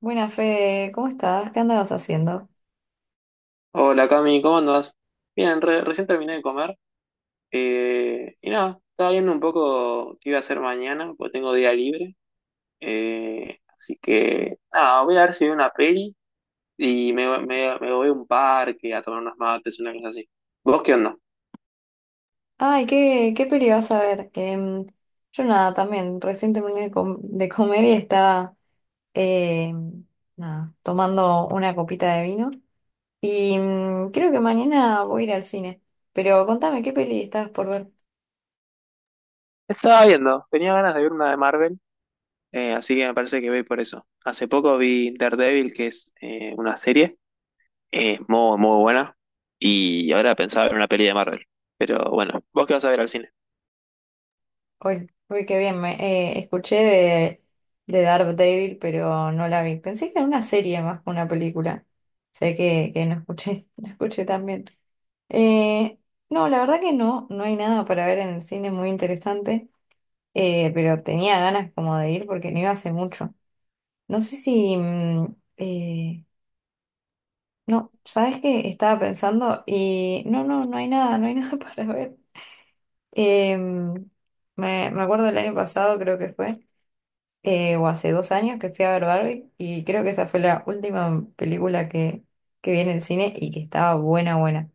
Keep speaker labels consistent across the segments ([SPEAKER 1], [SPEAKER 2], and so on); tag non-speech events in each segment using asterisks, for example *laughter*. [SPEAKER 1] Buenas, Fede, ¿cómo estás? ¿Qué andabas haciendo?
[SPEAKER 2] Hola Cami, ¿cómo andas? Bien, recién terminé de comer. Y nada, estaba viendo un poco qué iba a hacer mañana, porque tengo día libre. Así que nada, voy a ver si veo una peli y me voy a un parque a tomar unas mates, una cosa así. ¿Vos qué onda?
[SPEAKER 1] Ay, ¿qué peli vas a ver? Yo nada, también, recién terminé de de comer y estaba em, nada, tomando una copita de vino. Y creo que mañana voy a ir al cine. Pero contame, ¿qué peli estabas por ver
[SPEAKER 2] Estaba viendo, tenía ganas de ver una de Marvel, así que me parece que voy por eso. Hace poco vi Daredevil, que es una serie, muy, muy buena, y ahora pensaba ver una peli de Marvel. Pero bueno, ¿vos qué vas a ver al cine?
[SPEAKER 1] hoy? Uy, qué bien, escuché de Daredevil, pero no la vi. Pensé que era una serie más que una película. Sé que no escuché, *laughs* no escuché tan bien. Eh, no, la verdad que no, no hay nada para ver en el cine muy interesante, pero tenía ganas como de ir porque no iba hace mucho. No sé sieh, no, ¿sabes qué? Estaba pensando y no, no hay nada, no hay *laughs* nada para ver. Em, me acuerdo del año pasado, creo que fue, o hace 2 años que fui a ver Barbie y creo que esa fue la última película que vi en el cine y que estaba buena, buena.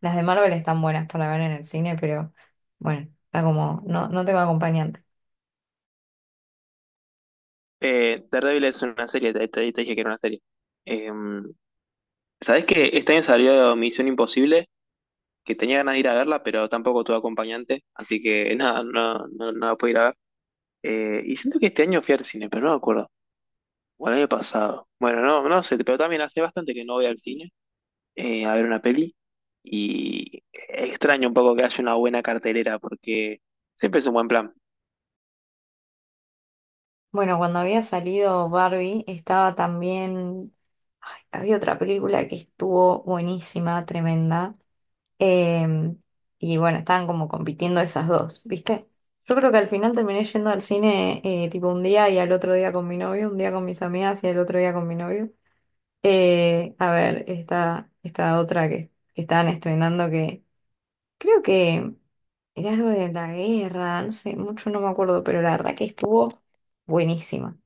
[SPEAKER 1] Las de Marvel están buenas para ver en el cine, pero bueno, está como, no, no tengo acompañante.
[SPEAKER 2] Daredevil es una serie, te dije que era una serie. Eh, ¿Sabés que este año salió Misión Imposible? Que tenía ganas de ir a verla, pero tampoco tuve acompañante, así que *laughs* nada, no, no, no la pude ir a ver. Y siento que este año fui al cine, pero no me acuerdo. O el año pasado. Bueno, no, no sé, pero también hace bastante que no voy al cine, a ver una peli. Y extraño un poco que haya una buena cartelera, porque siempre es un buen plan.
[SPEAKER 1] Bueno, cuando había salido Barbie, estaba también, ay, había otra película que estuvo buenísima, tremenda. em, y bueno, estaban como compitiendo esas dos, ¿viste? Yo creo que al final terminé yendo al cine tipo un día y al otro día con mi novio, un día con mis amigas y al otro día con mi novio. A ver, esta otra que estaban estrenando que creo que. Era algo de la guerra, no sé, mucho no me acuerdo, pero la verdad que estuvo buenísima.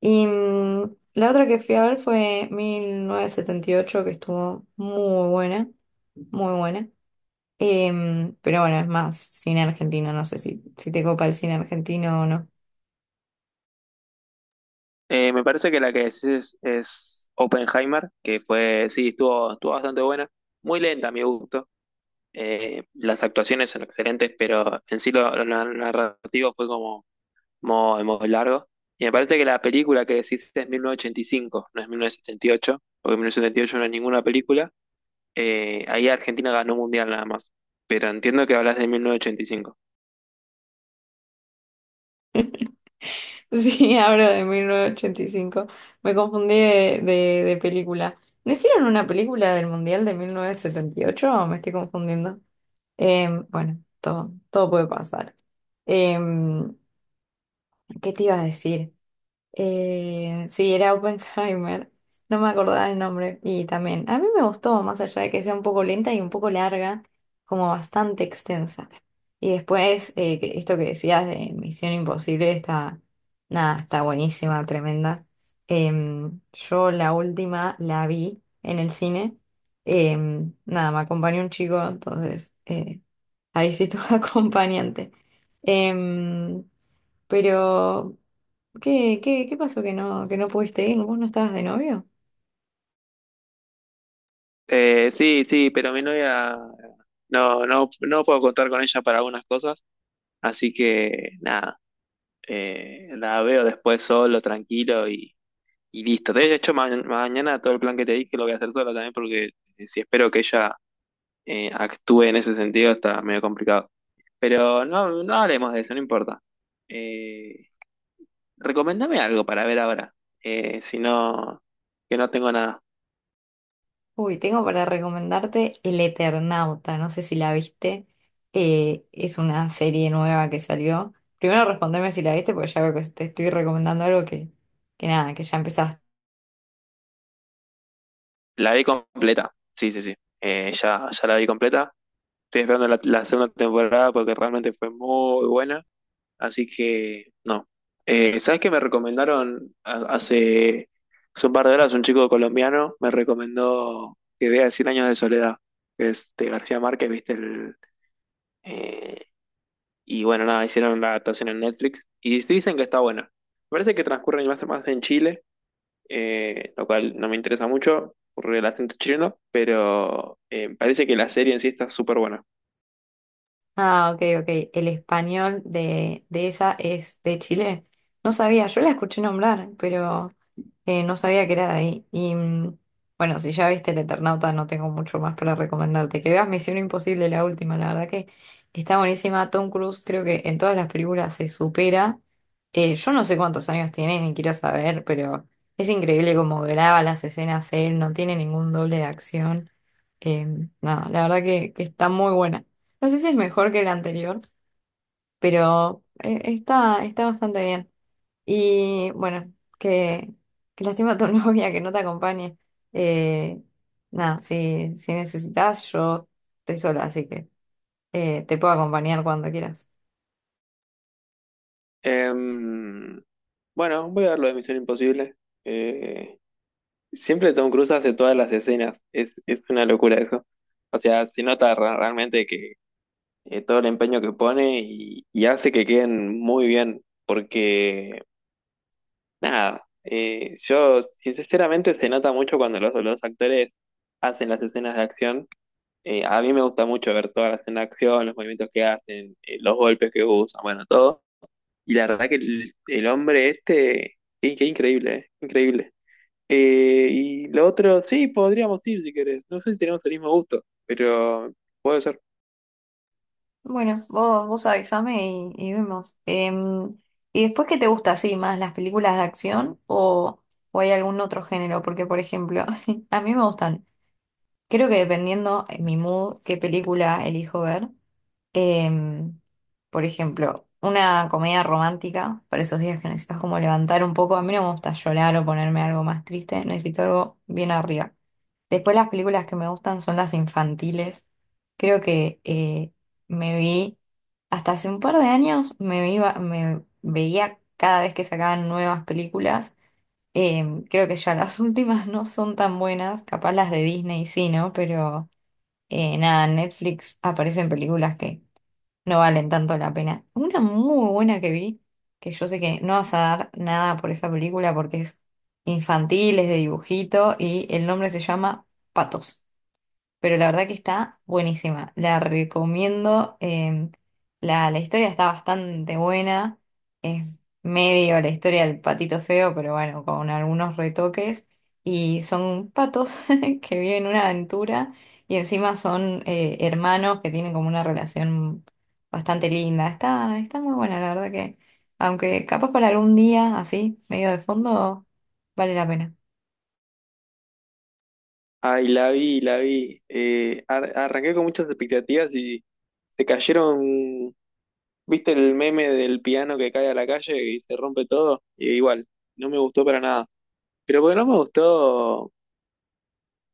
[SPEAKER 1] Y la otra que fui a ver fue 1978 que estuvo muy buena, muy buena. Pero bueno, es más cine argentino, no sé si te copa el cine argentino o no. *laughs*
[SPEAKER 2] Me parece que la que decís es Oppenheimer, que fue, sí, estuvo, estuvo bastante buena, muy lenta a mi gusto. Las actuaciones son excelentes, pero en sí narrativo fue como muy, muy largo. Y me parece que la película que decís es mil novecientos ochenta y cinco, no es mil novecientos setenta y ocho, porque 1978 no es ninguna película. Ahí Argentina ganó mundial nada más, pero entiendo que hablas de 1985.
[SPEAKER 1] Sí, hablo de 1985. Me confundí de película. ¿No hicieron una película del Mundial de 1978 o me estoy confundiendo? Bueno, todo puede pasar. Em, ¿Qué te iba a decir? Sí, era Oppenheimer. No me acordaba el nombre. Y también, a mí me gustó, más allá de que sea un poco lenta y un poco larga, como bastante extensa. Y después, esto que decías de Misión Imposible está, nada, está buenísima, tremenda. Yo la última la vi en el cine. Nada, me acompañó un chico, entonces ahí sí tuve *laughs* acompañante. Em, pero, ¿qué pasó que no pudiste ir? ¿Vos no estabas de novio?
[SPEAKER 2] Sí, sí, pero mi novia no, no, no puedo contar con ella para algunas cosas. Así que nada, la veo después solo, tranquilo y listo. De hecho, mañana todo el plan que te dije lo voy a hacer solo también, porque si espero que ella actúe en ese sentido, está medio complicado. Pero no, no hablemos de eso, no importa. Eh, recomendame algo para ver ahora. Si no, que no tengo nada.
[SPEAKER 1] Uy, tengo para recomendarte El Eternauta, no sé si la viste. Es una serie nueva que salió. Primero respondeme si la viste, porque ya veo que te estoy recomendando algo que nada, que ya empezaste.
[SPEAKER 2] La vi completa. Sí, sí, sí. Ya, ya la vi completa. Estoy esperando la segunda temporada porque realmente fue muy buena. Así que no. ¿Sabes qué me recomendaron hace un par de horas? Un chico colombiano me recomendó que vea Cien Años de Soledad, que es de García Márquez, ¿viste? El, eh, y bueno, nada, hicieron la adaptación en Netflix y sí, dicen que está buena. Me parece que transcurre más en Chile, lo cual no me interesa mucho por el acento chileno, pero parece que la serie en sí está súper buena.
[SPEAKER 1] Ah, ok, ok. El español de esa es de Chile. No sabía, yo la escuché nombrar, pero. No sabía que era de ahí. Y bueno, si ya viste El Eternauta, no tengo mucho más para recomendarte. Que veas Misión Imposible, la última, la verdad que está buenísima. Tom Cruise creo que en todas las películas se supera. Yo no sé cuántos años tiene, ni quiero saber, pero es increíble cómo graba las escenas él, no tiene ningún doble de acción. Eh, no, la verdad que está muy buena. No sé si es mejor que la anterior, pero está, está bastante bien. Y bueno, que qué lástima tu *laughs* novia que no te acompañe. Eh, Nada, si, si necesitas, yo estoy sola, así que te puedo acompañar cuando quieras.
[SPEAKER 2] Em, bueno, voy a ver lo de Misión Imposible. Eh, Siempre Tom Cruise hace todas las escenas, es una locura eso. O sea, se nota realmente que todo el empeño que pone, y hace que queden muy bien, porque nada, yo sinceramente, se nota mucho cuando los actores hacen las escenas de acción. A mí me gusta mucho ver todas las escenas de acción, los movimientos que hacen, los golpes que usan, bueno, todo. Y la verdad que el hombre este, qué increíble, increíble. Y lo otro, sí, podríamos ir si querés. No sé si tenemos el mismo gusto, pero puede ser.
[SPEAKER 1] Bueno, vos avísame y vemos. ¿Y después qué te gusta así más, las películas de acción o hay algún otro género? Porque, por ejemplo, *laughs* a mí me gustan, creo que dependiendo en mi mood, qué película elijo ver. Em, por ejemplo, una comedia romántica para esos días que necesitas como levantar un poco. A mí no me gusta llorar o ponerme algo más triste, necesito algo bien arriba. Después las películas que me gustan son las infantiles. Creo que me vi, hasta hace un par de años, me veía cada vez que sacaban nuevas películas. Creo que ya *laughs* las últimas no son tan buenas, capaz las de Disney sí, ¿no? Pero nada, en Netflix aparecen películas que no valen tanto la pena. Una muy buena que vi, que yo sé que no vas a dar nada por esa película porque es infantil, es de dibujito y el nombre se llama Patos, pero la verdad que está buenísima. La recomiendo. em, la historia está bastante buena. Es medio la historia del patito feo, pero bueno, con algunos retoques. Y son patos *laughs* que viven una aventura y encima son hermanos que tienen como una relación bastante linda. Está, está muy buena, la verdad que, aunque capaz para algún día así, medio de fondo, vale la pena.
[SPEAKER 2] Ay, la vi, la vi. Arranqué con muchas expectativas y se cayeron. ¿Viste el meme del piano que cae a la calle y se rompe todo? Y igual, no me gustó para nada. Pero porque no me gustó.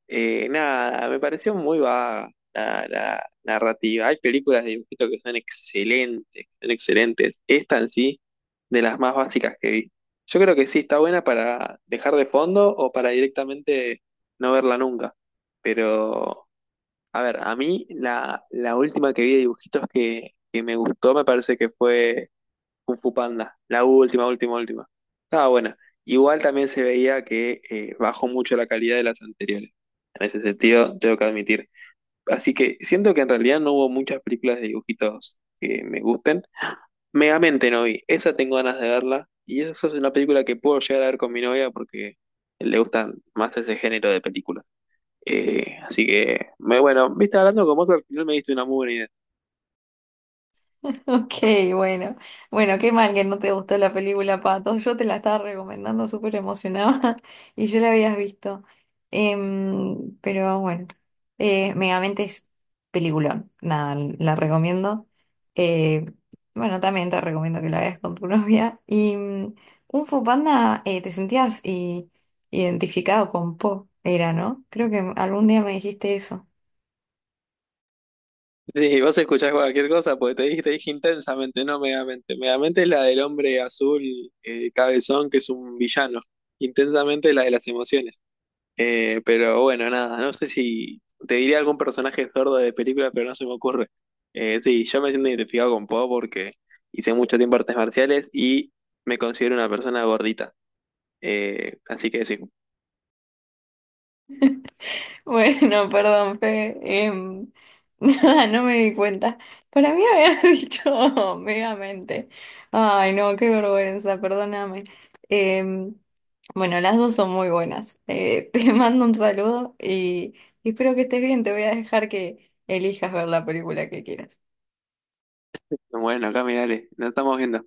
[SPEAKER 2] Nada, me pareció muy vaga la narrativa. Hay películas de dibujito que son excelentes, que son excelentes. Esta en sí, de las más básicas que vi. Yo creo que sí, está buena para dejar de fondo o para directamente no verla nunca. Pero, a ver, a mí la última que vi de dibujitos que me gustó, me parece que fue Kung Fu Panda, la última, última, última. Estaba buena. Igual también se veía que bajó mucho la calidad de las anteriores. En ese sentido, tengo que admitir. Así que siento que en realidad no hubo muchas películas de dibujitos que me gusten. Megamente no vi. Esa tengo ganas de verla. Y esa es una película que puedo llegar a ver con mi novia, porque le gustan más ese género de películas. Así que, me, bueno, viste, hablando con vos, al final me diste una buena idea.
[SPEAKER 1] Ok, bueno. Bueno, qué mal que no te gustó la película Patos. Yo te la estaba recomendando súper emocionada *laughs* y yo la habías visto. Pero bueno, Megamente es peliculón. Nada, la recomiendo. Eh, bueno, también te recomiendo que la veas con tu *laughs* novia. Y Kung Fu Panda, identificado con Po, era, ¿no? Creo que algún día me dijiste eso.
[SPEAKER 2] Sí, vos escuchás cualquier cosa, porque te dije Intensamente, no Megamente. Megamente es la del hombre azul, cabezón, que es un villano. Intensamente es la de las emociones. Pero bueno, nada, no sé si te diría algún personaje sordo de película, pero no se me ocurre. Sí, yo me siento identificado con Po porque hice mucho tiempo artes marciales y me considero una persona gordita. Así que sí.
[SPEAKER 1] *laughs* Bueno, perdón, Fe. *laughs* Nada, no me di cuenta. Para mí había *laughs* dicho megamente. Ay, no, qué vergüenza, perdóname. Em, bueno, las dos son muy buenas. *laughs* Te mando un saludo y espero que estés bien. Te voy a dejar que elijas ver la película que quieras.
[SPEAKER 2] Bueno, acá me dale, nos estamos viendo.